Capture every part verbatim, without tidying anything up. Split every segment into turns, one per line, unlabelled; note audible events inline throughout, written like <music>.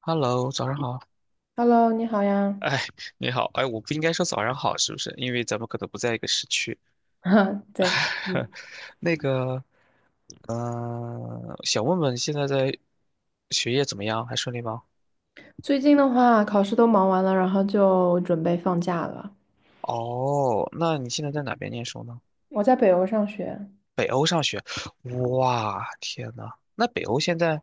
Hello，早上好。<laughs>
Hello，你好呀。
哎，
<laughs>
你好，哎，我不应该说早上好，是不是？因为咱们可能不在一个时区。
哈，对，
<laughs>
嗯，
那个，嗯，想问问现在在学业怎么样？还顺利吗？
最近的话，考试都忙完了，然后就准备放假了。
哦，那你现在在哪边念书呢？
我在北欧上学，
北欧上学。哇，天呐，那北欧现在，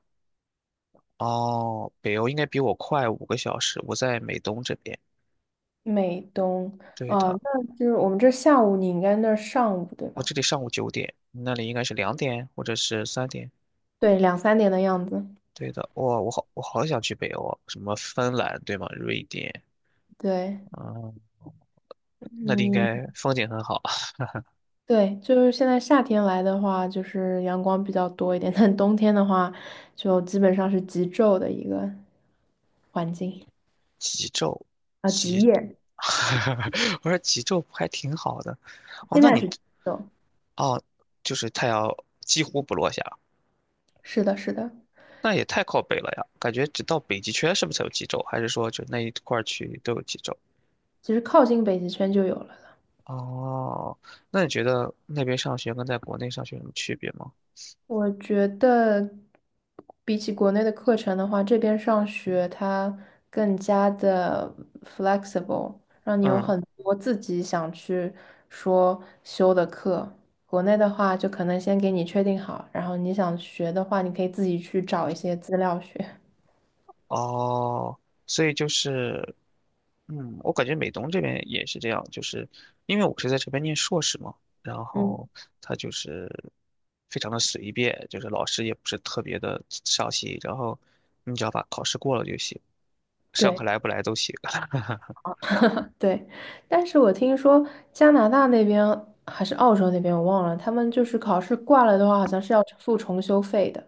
哦，北欧应该比我快五个小时。我在美东这边。
美东，
对
啊，
的，
那就是我们这下午，你应该那儿上午对
我
吧？
这里上午九点，你那里应该是两点或者是三点。
对，两三点的样子。
对的，哇，我好，我好想去北欧啊，什么芬兰对吗？瑞典，
对，
嗯，那里应
嗯，
该风景很好啊。
对，就是现在夏天来的话，就是阳光比较多一点，但冬天的话，就基本上是极昼的一个环境
极昼，
啊，极
极，
夜，
<laughs> 我说极昼还挺好的。哦，
现
那
在
你
是极昼。
哦，就是太阳几乎不落下，
是的，是的，
那也太靠北了呀。感觉只到北极圈是不是才有极昼？还是说就那一块儿区域都有极昼？
其实靠近北极圈就有了。
哦，那你觉得那边上学跟在国内上学有什么区别吗？
我觉得比起国内的课程的话，这边上学它更加的 flexible，让你有
嗯。
很多自己想去说修的课。国内的话，就可能先给你确定好，然后你想学的话，你可以自己去找一些资料学。
哦，所以就是，嗯，我感觉美东这边也是这样，就是因为我是在这边念硕士嘛，然后
嗯，
他就是非常的随便，就是老师也不是特别的上心，然后你只要把考试过了就行，上课来
对
不来都行。<laughs>
对。但是我听说加拿大那边还是澳洲那边，我忘了，他们就是考试挂了的话，好像是要付重修费的。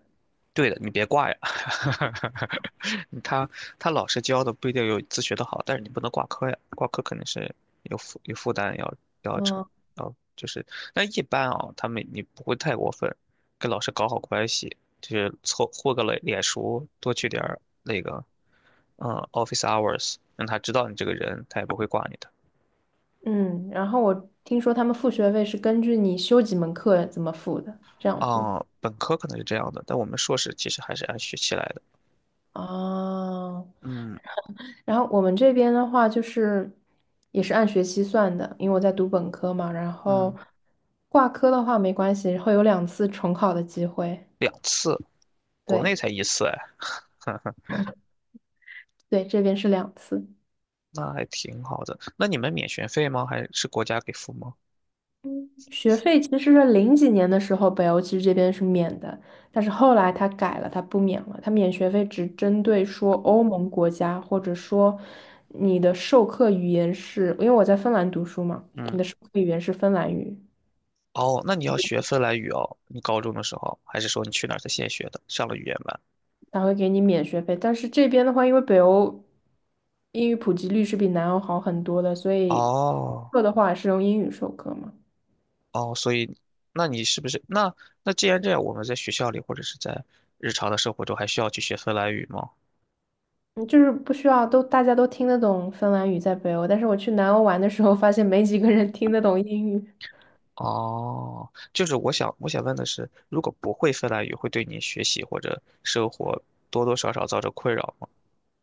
对的，你别挂呀。<laughs> 他他老师教的不一定有自学的好，但是你不能挂科呀，挂科肯定是有负有负担要要承
嗯。
要就是，但一般啊，他们你不会太过分，跟老师搞好关系，就是凑混个脸脸熟，多去点儿那个嗯 office hours，让他知道你这个人，他也不会挂你的。
嗯，然后我听说他们付学费是根据你修几门课怎么付的，这样付的。
啊、本科可能是这样的，但我们硕士其实还是按学期来的。
哦，
嗯
然后我们这边的话就是也是按学期算的，因为我在读本科嘛，然后
嗯，
挂科的话没关系，会有两次重考的机会。
两次，国内
对
才一次哎。<laughs>
对，这边是两次。
那还挺好的。那你们免学费吗？还是国家给付吗？
学费其实是零几年的时候，北欧其实这边是免的，但是后来它改了，它不免了。它免学费只针对说欧盟国家，或者说你的授课语言是，因为我在芬兰读书嘛，
嗯，
语言是芬兰语，
哦，那你要学芬兰语哦，你高中的时候，还是说你去哪儿才现学的，上了语言班？
它会给你免学费。但是这边的话，因为北欧英语普及率是比南欧好很多的，所以
哦，
课的话是用英语授课嘛。
哦，所以，那你是不是那那既然这样，我们在学校里或者是在日常的生活中还需要去学芬兰语吗？
嗯就是不需要都大家都听得懂芬兰语在北欧，但是我去南欧玩的时候，发现没几个人听得懂英语。
哦，就是我想我想问的是，如果不会芬兰语，会对你学习或者生活多多少少造成困扰吗？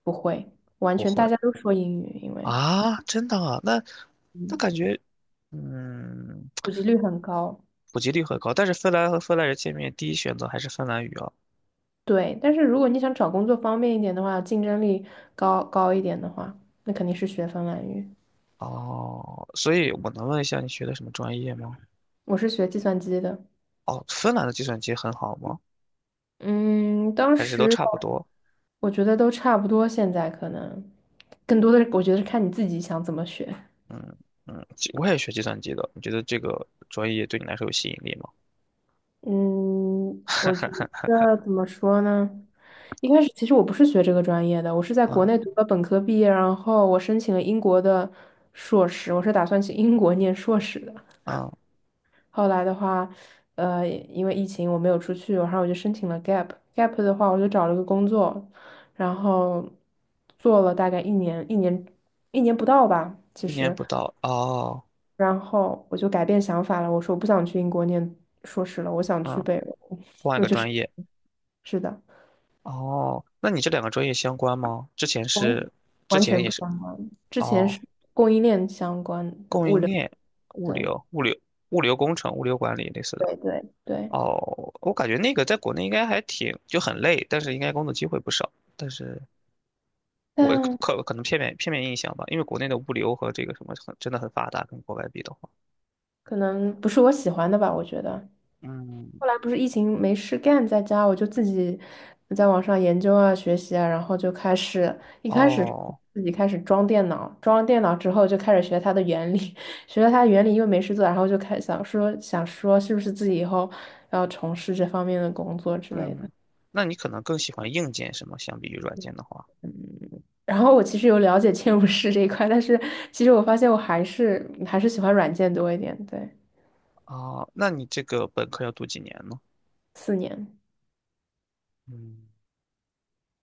不会，完
不
全大
会。
家都说英语，因为
啊，真的啊，那那
嗯，
感觉，嗯，
普及率很高。
普及率很高，但是芬兰和芬兰人见面，第一选择还是芬兰语啊。
对，但是如果你想找工作方便一点的话，竞争力高高一点的话，那肯定是学芬兰语。
哦，所以我能问一下你学的什么专业吗？
我是学计算机的，
哦，芬兰的计算机很好吗？
嗯，当
还是都
时
差不多？
我觉得都差不多，现在可能更多的是我觉得是看你自己想怎么学。
嗯嗯，计我也学计算机的，你觉得这个专业对你来说有吸引力吗？
嗯，我觉
<laughs>
得怎么说呢？一开始其实我不是学这个专业的，我是在国
嗯
内读了本科毕业，然后我申请了英国的硕士，我是打算去英国念硕士的。
嗯，
后来的话，呃，因为疫情我没有出去，然后我就申请了 gap，gap 的话我就找了个工作，然后做了大概一年，一年一年不到吧，其
一年
实。
不到哦，
然后我就改变想法了，我说我不想去英国念硕士了，我想去
嗯，
北欧。
换一
我
个
就是
专业
是的，
哦。那你这两个专业相关吗？之前
完
是，之
完
前
全
也
不
是
相关。之前
哦。
是供应链相关的
供
物
应
流，
链、物
对
流、物流、物流工程、物流管理类似的。
对对对，
哦，我感觉那个在国内应该还挺就很累，但是应该工作机会不少。但是我
但
可可能片面片面印象吧，因为国内的物流和这个什么很真的很发达，跟国外比的话，
可能不是我喜欢的吧，我觉得。
嗯，
后来不是疫情没事干，在家我就自己在网上研究啊、学习啊，然后就开始一开始
哦，
自己开始装电脑，装了电脑之后就开始学它的原理，<laughs> 学了它的原理，因为没事做，然后就开想说想说是不是自己以后要从事这方面的工作之类的。
嗯，那你可能更喜欢硬件什么，相比于软件的话，
然后我其实有了解嵌入式这一块，但是其实我发现我还是还是喜欢软件多一点。对，
啊，那你这个本科要读几年呢？
四年，
嗯。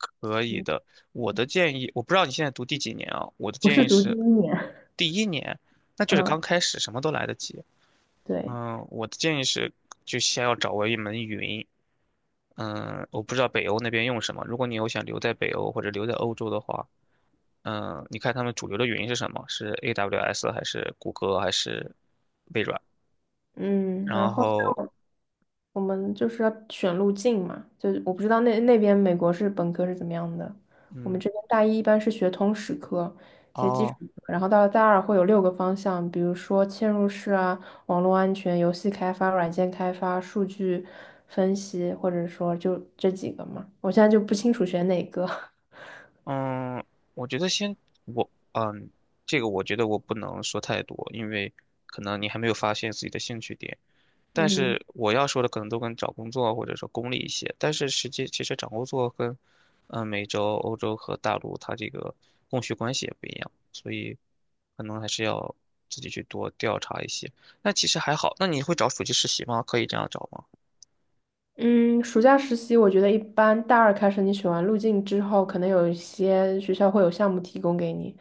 可以
嗯
的。我的建议，我不知道你现在读第几年啊？我的
我
建
是
议
读第
是
一年，
第一年，那就是
嗯，
刚开始，什么都来得及。
对，
嗯，我的建议是，就先要掌握一门语音嗯，我不知道北欧那边用什么。如果你有想留在北欧或者留在欧洲的话，嗯，你看他们主流的语音是什么？是 A W S 还是谷歌还是微软？
嗯，然
然
后。
后，
我们就是要选路径嘛，就是我不知道那那边美国是本科是怎么样的，我们
嗯，
这边大一一般是学通识科，学基础
哦。
课，然后到了大二会有六个方向，比如说嵌入式啊、网络安全、游戏开发、软件开发、数据分析，或者说就这几个嘛，我现在就不清楚选哪个。<laughs>
嗯，我觉得先我嗯，这个我觉得我不能说太多，因为可能你还没有发现自己的兴趣点。但
嗯
是我要说的可能都跟找工作或者说功利一些，但是实际其实找工作跟嗯美洲、欧洲和大陆它这个供需关系也不一样，所以可能还是要自己去多调查一些。那其实还好，那你会找暑期实习吗？可以这样找吗？
嗯，暑假实习我觉得一般，大二开始你选完路径之后，可能有一些学校会有项目提供给你，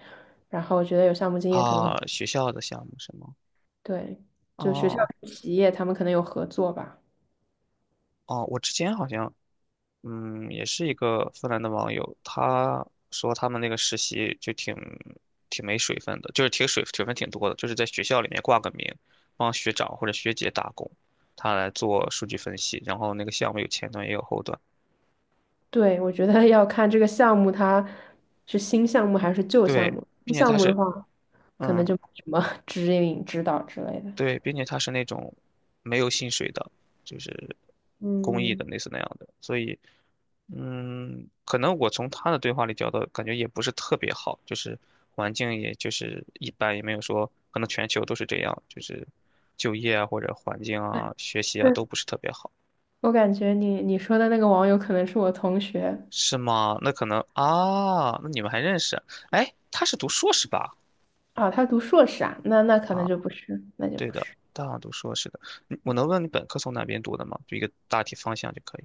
然后我觉得有项目经验可能。
啊，学校的项目是吗？
对，就学校
哦
跟企业他们可能有合作吧。
哦，我之前好像嗯，也是一个芬兰的网友，他说他们那个实习就挺挺没水分的，就是挺水水分挺多的，就是在学校里面挂个名，帮学长或者学姐打工，他来做数据分析，然后那个项目有前端也有后端，
对，我觉得要看这个项目它是新项目还是旧项
对，
目。新
并且
项
他
目的
是
话，可能
嗯，
就没什么 <laughs> 指引、指导之类的。
对，并且他是那种没有薪水的，就是公益
嗯
的类似那样的，所以嗯，可能我从他的对话里聊的感觉也不是特别好，就是环境也就是一般，也没有说可能全球都是这样，就是就业啊或者环境啊、学习
<laughs>，
啊都
是
不是特别好，
我感觉你你说的那个网友可能是我同学
是吗？那可能啊，那你们还认识？哎，他是读硕士吧？
啊，他读硕士啊，那那可能
啊，
就不是，那就
对
不
的，
是。
大二读硕士的，嗯我能问你本科从哪边读的吗？就一个大体方向就可以。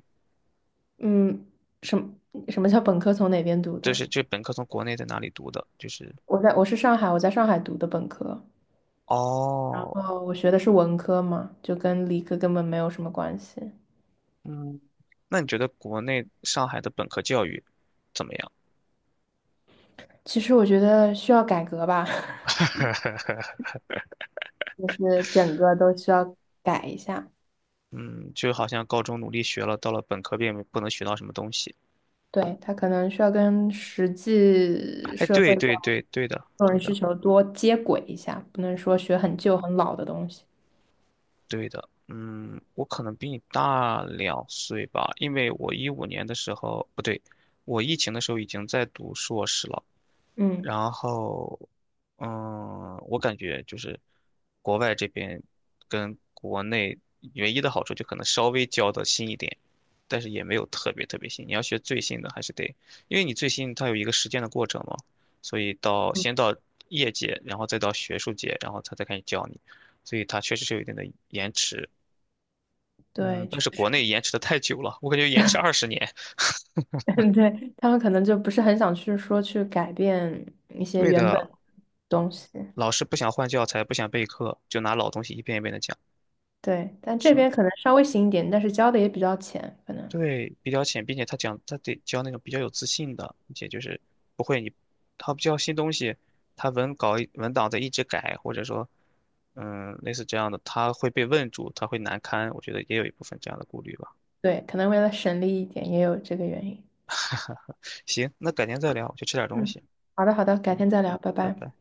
嗯，什么什么叫本科从哪边读
就
的？
是这本科从国内在哪里读的？就是
我在我是上海，我在上海读的本科，然
哦，
后我学的是文科嘛，就跟理科根本没有什么关系。
嗯，那你觉得国内上海的本科教育怎么样？
其实我觉得需要改革吧，<laughs> 就是整个都需要改一下。
嗯，就好像高中努力学了，到了本科并不能学到什么东西。
对，他可能需要跟实际
哎，
社
对
会上
对对对的，
个
对
人需
的
求多接轨一下，不能说学很旧很老的东西。
对的。嗯，我可能比你大两岁吧，因为我一五年的时候，不对，我疫情的时候已经在读硕士了。
嗯，
然后，嗯，我感觉就是国外这边跟国内唯一的好处就可能稍微教的新一点，但是也没有特别特别新。你要学最新的还是得，因为你最新它有一个实践的过程嘛，所以到先到业界，然后再到学术界，然后他再开始教你，所以它确实是有一定的延迟。嗯，
对，
但
确
是国
实，
内延迟的太久了，我感觉延迟二十年。<laughs>
<laughs> 对，他们可能就不是很想去说去改变一些
对
原
的，
本东西。
老师不想换教材，不想备课，就拿老东西一遍一遍的讲。
对，但这边可能稍微新一点，但是交的也比较浅，可能
对，比较浅，并且他讲他得教那种比较有自信的，并且就是不会你他不教新东西，他文稿一文档在一直改，或者说嗯类似这样的，他会被问住，他会难堪，我觉得也有一部分这样的顾虑吧。
对，可能为了省力一点，也有这个原因。
<laughs> 行，那改天再聊，我去吃点东
嗯，
西。
好的，好的，改
嗯，
天再聊，拜
拜
拜。
拜。